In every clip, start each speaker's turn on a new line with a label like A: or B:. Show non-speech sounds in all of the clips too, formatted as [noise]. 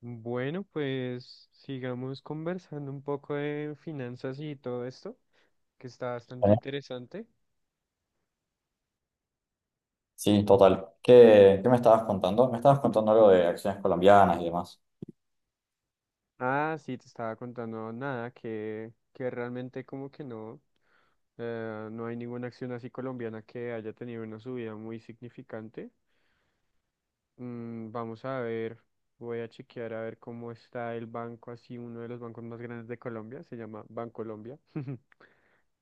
A: Bueno, pues sigamos conversando un poco de finanzas y todo esto, que está bastante
B: Eh,
A: interesante.
B: Sí, total. ¿Qué me estabas contando? Me estabas contando algo de acciones colombianas y demás.
A: Ah, sí, te estaba contando nada, que realmente como que no, no hay ninguna acción así colombiana que haya tenido una subida muy significante. Vamos a ver, voy a chequear a ver cómo está el banco, así uno de los bancos más grandes de Colombia, se llama Bancolombia. [laughs]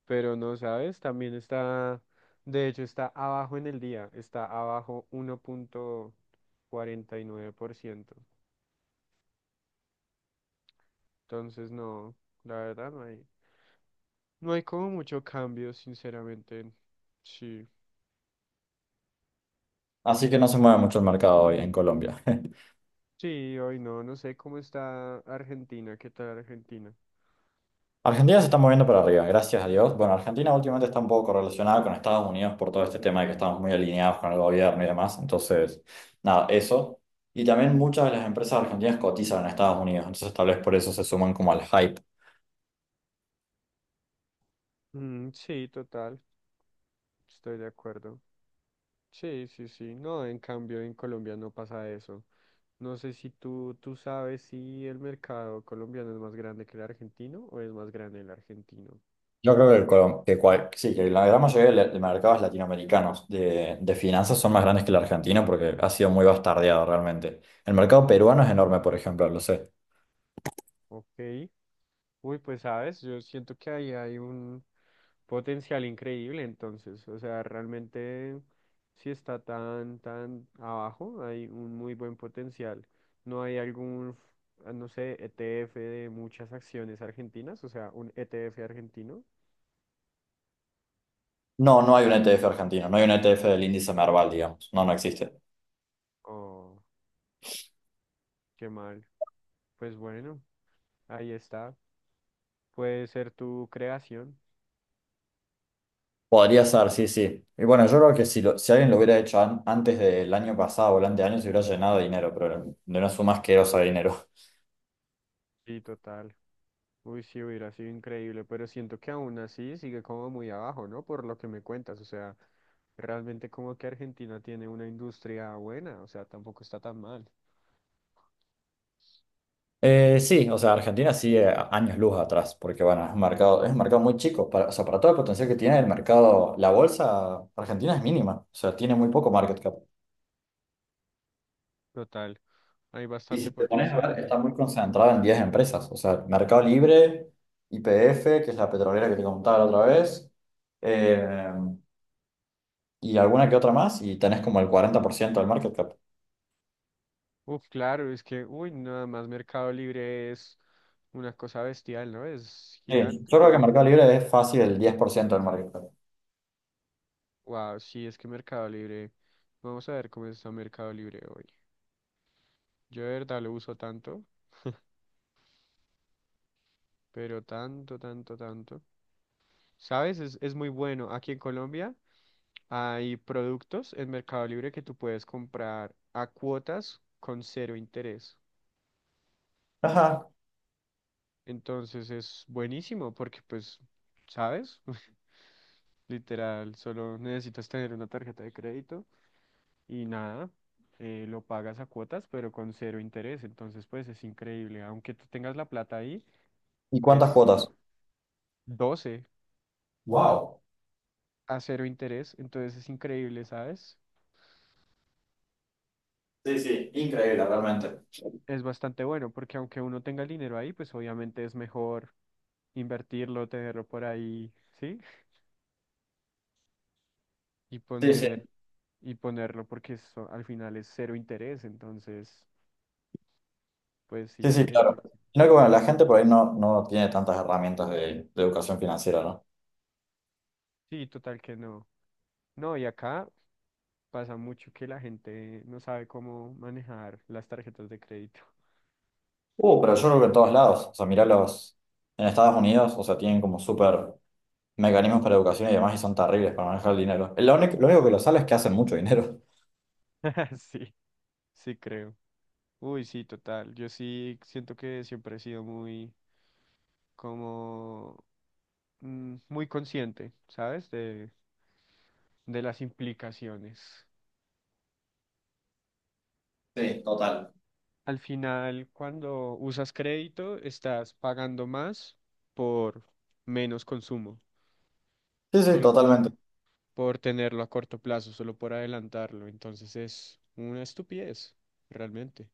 A: Pero no sabes, también está, de hecho está abajo en el día, está abajo 1,49%. Entonces no, la verdad no hay, no hay como mucho cambio, sinceramente. Sí.
B: Así que no se mueve mucho el mercado hoy en Colombia. [laughs]
A: Sí, hoy no, no sé cómo está Argentina, qué tal Argentina.
B: Argentina se está moviendo para arriba, gracias a Dios. Bueno, Argentina últimamente está un poco correlacionada con Estados Unidos por todo este tema de que estamos muy alineados con el gobierno y demás. Entonces, nada, eso. Y también muchas de las empresas argentinas cotizan en Estados Unidos. Entonces, tal vez por eso se suman como al hype.
A: Mm, sí, total, estoy de acuerdo. Sí, sí, sí. No, en cambio en Colombia no pasa eso. No sé si tú sabes si el mercado colombiano es más grande que el argentino o es más grande el argentino.
B: Yo creo que, el Colom- que cual- sí, que la gran mayoría de mercados latinoamericanos de finanzas son más grandes que el argentino porque ha sido muy bastardeado realmente. El mercado peruano es enorme, por ejemplo, lo sé.
A: Ok. Uy, pues sabes, yo siento que ahí hay un potencial increíble entonces. O sea, realmente si está tan, tan abajo, hay un muy buen potencial. No hay algún, ah, no sé, ETF de muchas acciones argentinas, o sea, un ETF argentino.
B: No, no hay un ETF argentino, no hay un ETF del índice Merval, digamos. No, no existe.
A: Oh, qué mal. Pues bueno, ahí está. Puede ser tu creación.
B: Podría ser, sí, sí. Y bueno, yo creo que si, si alguien lo hubiera hecho antes del año pasado o el anteaño, se hubiera llenado de dinero, pero de una suma asquerosa de dinero.
A: Sí, total. Uy, sí, hubiera sido increíble, pero siento que aún así sigue como muy abajo, ¿no? Por lo que me cuentas, o sea, realmente como que Argentina tiene una industria buena, o sea, tampoco está tan mal.
B: Sí, o sea, Argentina sigue años luz atrás, porque bueno, es un mercado muy chico, para, o sea, para todo el potencial que tiene el mercado, la bolsa argentina es mínima, o sea, tiene muy poco market cap.
A: Total, hay
B: Y si
A: bastante
B: te pones a
A: potencial
B: ver,
A: ahí.
B: está muy concentrada en 10 empresas, o sea, Mercado Libre, YPF, que es la petrolera que te contaba la otra vez, eh, y alguna que otra más, y tenés como el 40% del market cap.
A: Uf, claro, es que, uy, nada más Mercado Libre es una cosa bestial, ¿no? Es
B: Sí,
A: gigante.
B: yo creo que Mercado Libre es fácil el 10% del market cap.
A: Wow, sí, es que Mercado Libre, vamos a ver cómo está Mercado Libre hoy. Yo de verdad lo uso tanto, pero tanto, tanto, tanto. ¿Sabes? Es muy bueno. Aquí en Colombia hay productos en Mercado Libre que tú puedes comprar a cuotas con cero interés.
B: Ajá,
A: Entonces es buenísimo porque pues, ¿sabes? [laughs] Literal, solo necesitas tener una tarjeta de crédito y nada, lo pagas a cuotas pero con cero interés. Entonces pues es increíble. Aunque tú tengas la plata ahí,
B: ¿y cuántas
A: pues
B: cuotas?
A: 12
B: Wow.
A: a cero interés. Entonces es increíble, ¿sabes?
B: Sí, sí, increíble realmente.
A: Es bastante bueno, porque aunque uno tenga el dinero ahí, pues obviamente es mejor invertirlo, tenerlo por ahí, ¿sí? Y
B: Sí, sí,
A: poner, y ponerlo porque eso al final es cero interés, entonces, pues
B: sí,
A: sí,
B: sí,
A: es
B: claro.
A: buenísimo.
B: Sino que bueno, la gente por ahí no tiene tantas herramientas de educación financiera, ¿no?
A: Sí, total que no. No, y acá pasa mucho que la gente no sabe cómo manejar las tarjetas de crédito.
B: Pero yo creo que en todos lados, o sea, mirá los, en Estados Unidos, o sea, tienen como súper mecanismos para educación y demás y son terribles para manejar el dinero. Lo único que lo sale es que hacen mucho dinero.
A: [laughs] Sí, sí creo. Uy, sí, total. Yo sí siento que siempre he sido muy, como, muy consciente, ¿sabes? De las implicaciones.
B: Sí, total.
A: Al final, cuando usas crédito, estás pagando más por menos consumo,
B: Sí, sí,
A: solo
B: totalmente.
A: por tenerlo a corto plazo, solo por adelantarlo. Entonces es una estupidez, realmente.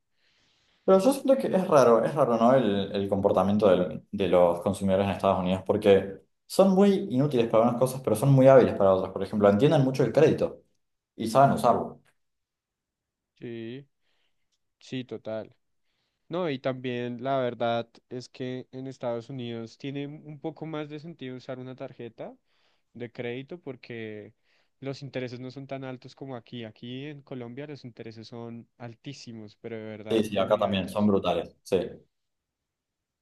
B: Pero yo siento que es raro, ¿no? El comportamiento de los consumidores en Estados Unidos, porque son muy inútiles para unas cosas, pero son muy hábiles para otras. Por ejemplo, entienden mucho el crédito y saben usarlo.
A: Sí, sí, total. No, y también la verdad es que en Estados Unidos tiene un poco más de sentido usar una tarjeta de crédito porque los intereses no son tan altos como aquí. Aquí en Colombia los intereses son altísimos, pero de verdad
B: Sí, sí, acá
A: muy
B: también, son
A: altos.
B: brutales. Sí,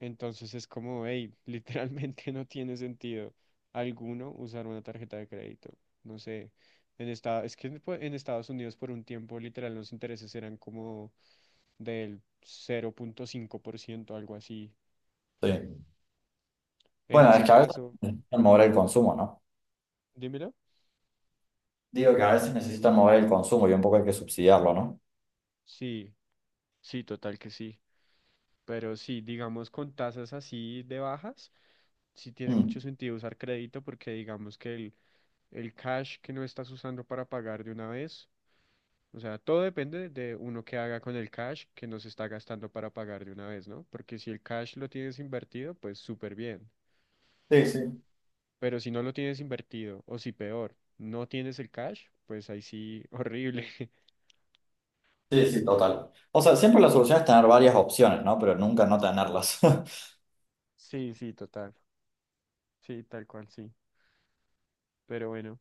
A: Entonces es como, hey, [laughs] literalmente no tiene sentido alguno usar una tarjeta de crédito. No sé, es que en pues, en Estados Unidos por un tiempo literal los intereses eran como del 0,5% algo así.
B: sí.
A: En
B: Bueno, es
A: ese
B: que a veces
A: caso,
B: necesitan mover el consumo, ¿no?
A: dímelo.
B: Digo que a veces necesitan mover el consumo y un poco hay que subsidiarlo, ¿no?
A: Sí, sí, total que sí. Pero sí, digamos con tasas así de bajas, sí tiene mucho
B: Mm.
A: sentido usar crédito porque digamos que el cash que no estás usando para pagar de una vez, o sea, todo depende de uno que haga con el cash que no se está gastando para pagar de una vez, ¿no? Porque si el cash lo tienes invertido, pues súper bien.
B: Sí, sí.
A: Pero si no lo tienes invertido, o si peor, no tienes el cash, pues ahí sí, [laughs] horrible.
B: Sí, sí, total. O sea, siempre la solución es tener varias opciones, ¿no? Pero nunca no tenerlas. [laughs]
A: Sí, sí, total. Sí, tal cual, sí. Pero bueno,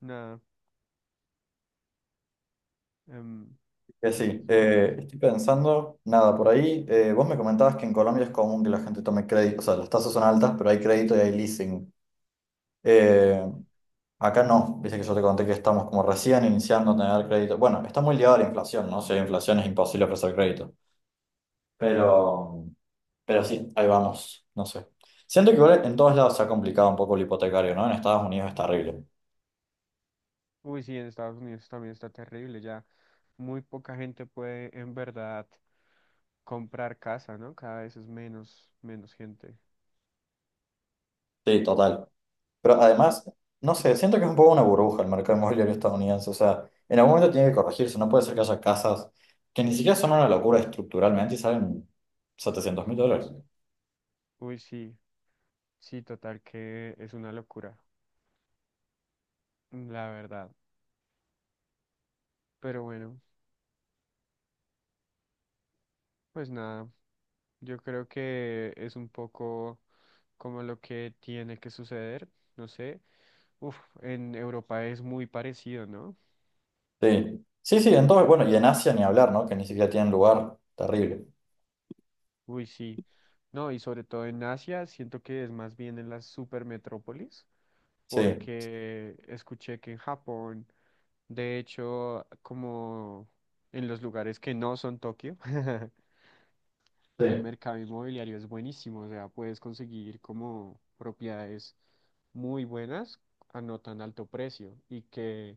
A: nada, em,
B: Que
A: así
B: sí,
A: son.
B: estoy pensando, nada, por ahí, vos me comentabas que en Colombia es común que la gente tome crédito, o sea, las tasas son altas, pero hay crédito y hay leasing. Eh, Acá no, viste que yo te conté que estamos como recién iniciando a tener crédito. Bueno, está muy ligado a la inflación, ¿no? Si hay inflación es imposible ofrecer crédito. Pero, pero sí, ahí vamos, no sé. Siento que igual en todos lados se ha complicado un poco el hipotecario, ¿no? En Estados Unidos es terrible.
A: Uy, sí, en Estados Unidos también está terrible, ya muy poca gente puede en verdad comprar casa, ¿no? Cada vez es menos, menos gente.
B: Sí, total. Pero además, no sé, siento que es un poco una burbuja el mercado inmobiliario estadounidense. O sea, en algún momento tiene que corregirse. No puede ser que haya casas que ni siquiera son una locura estructuralmente y salen $700.000.
A: Uy, sí, sí, total que es una locura, la verdad. Pero bueno, pues nada, yo creo que es un poco como lo que tiene que suceder, no sé. Uf, en Europa es muy parecido, ¿no?
B: Sí, sí, sí, en todo, bueno, y en Asia ni hablar, ¿no? Que ni siquiera tienen lugar, terrible.
A: Uy, sí. No, y sobre todo en Asia, siento que es más bien en las supermetrópolis,
B: Sí,
A: porque escuché que en Japón, de hecho, como en los lugares que no son Tokio, [laughs]
B: sí.
A: el mercado inmobiliario es buenísimo, o sea, puedes conseguir como propiedades muy buenas a no tan alto precio y que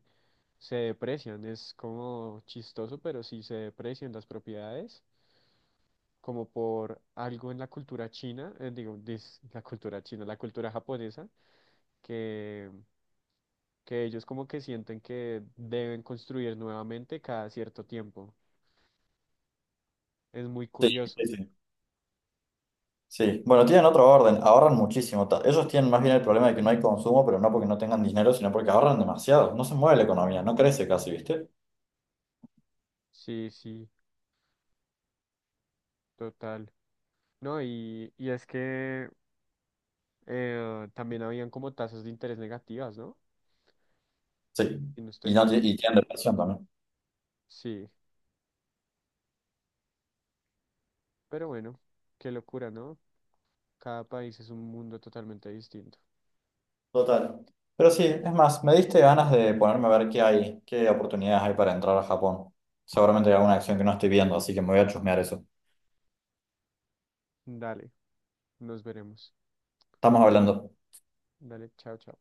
A: se deprecian, es como chistoso, pero sí se deprecian las propiedades como por algo en la cultura china, digo, la cultura china, la cultura japonesa, que, que ellos como que sienten que deben construir nuevamente cada cierto tiempo. Es muy
B: Sí, sí,
A: curioso.
B: sí. Sí, bueno, tienen otro orden, ahorran muchísimo. Ellos tienen más bien el problema de que no hay consumo, pero no porque no tengan dinero, sino porque ahorran demasiado. No se mueve la economía, no crece casi, ¿viste?
A: Sí, sí, total. No, y es que también habían como tasas de interés negativas, ¿no?
B: Sí,
A: Y no estoy
B: y, no, ti-
A: mal.
B: y tienen depresión también.
A: Sí, pero bueno, qué locura, ¿no? Cada país es un mundo totalmente distinto.
B: Total. Pero sí, es más, me diste ganas de ponerme a ver qué hay, qué oportunidades hay para entrar a Japón. Seguramente hay alguna acción que no estoy viendo, así que me voy a chusmear eso.
A: Dale, nos veremos.
B: Estamos hablando.
A: Dale, chao, chao.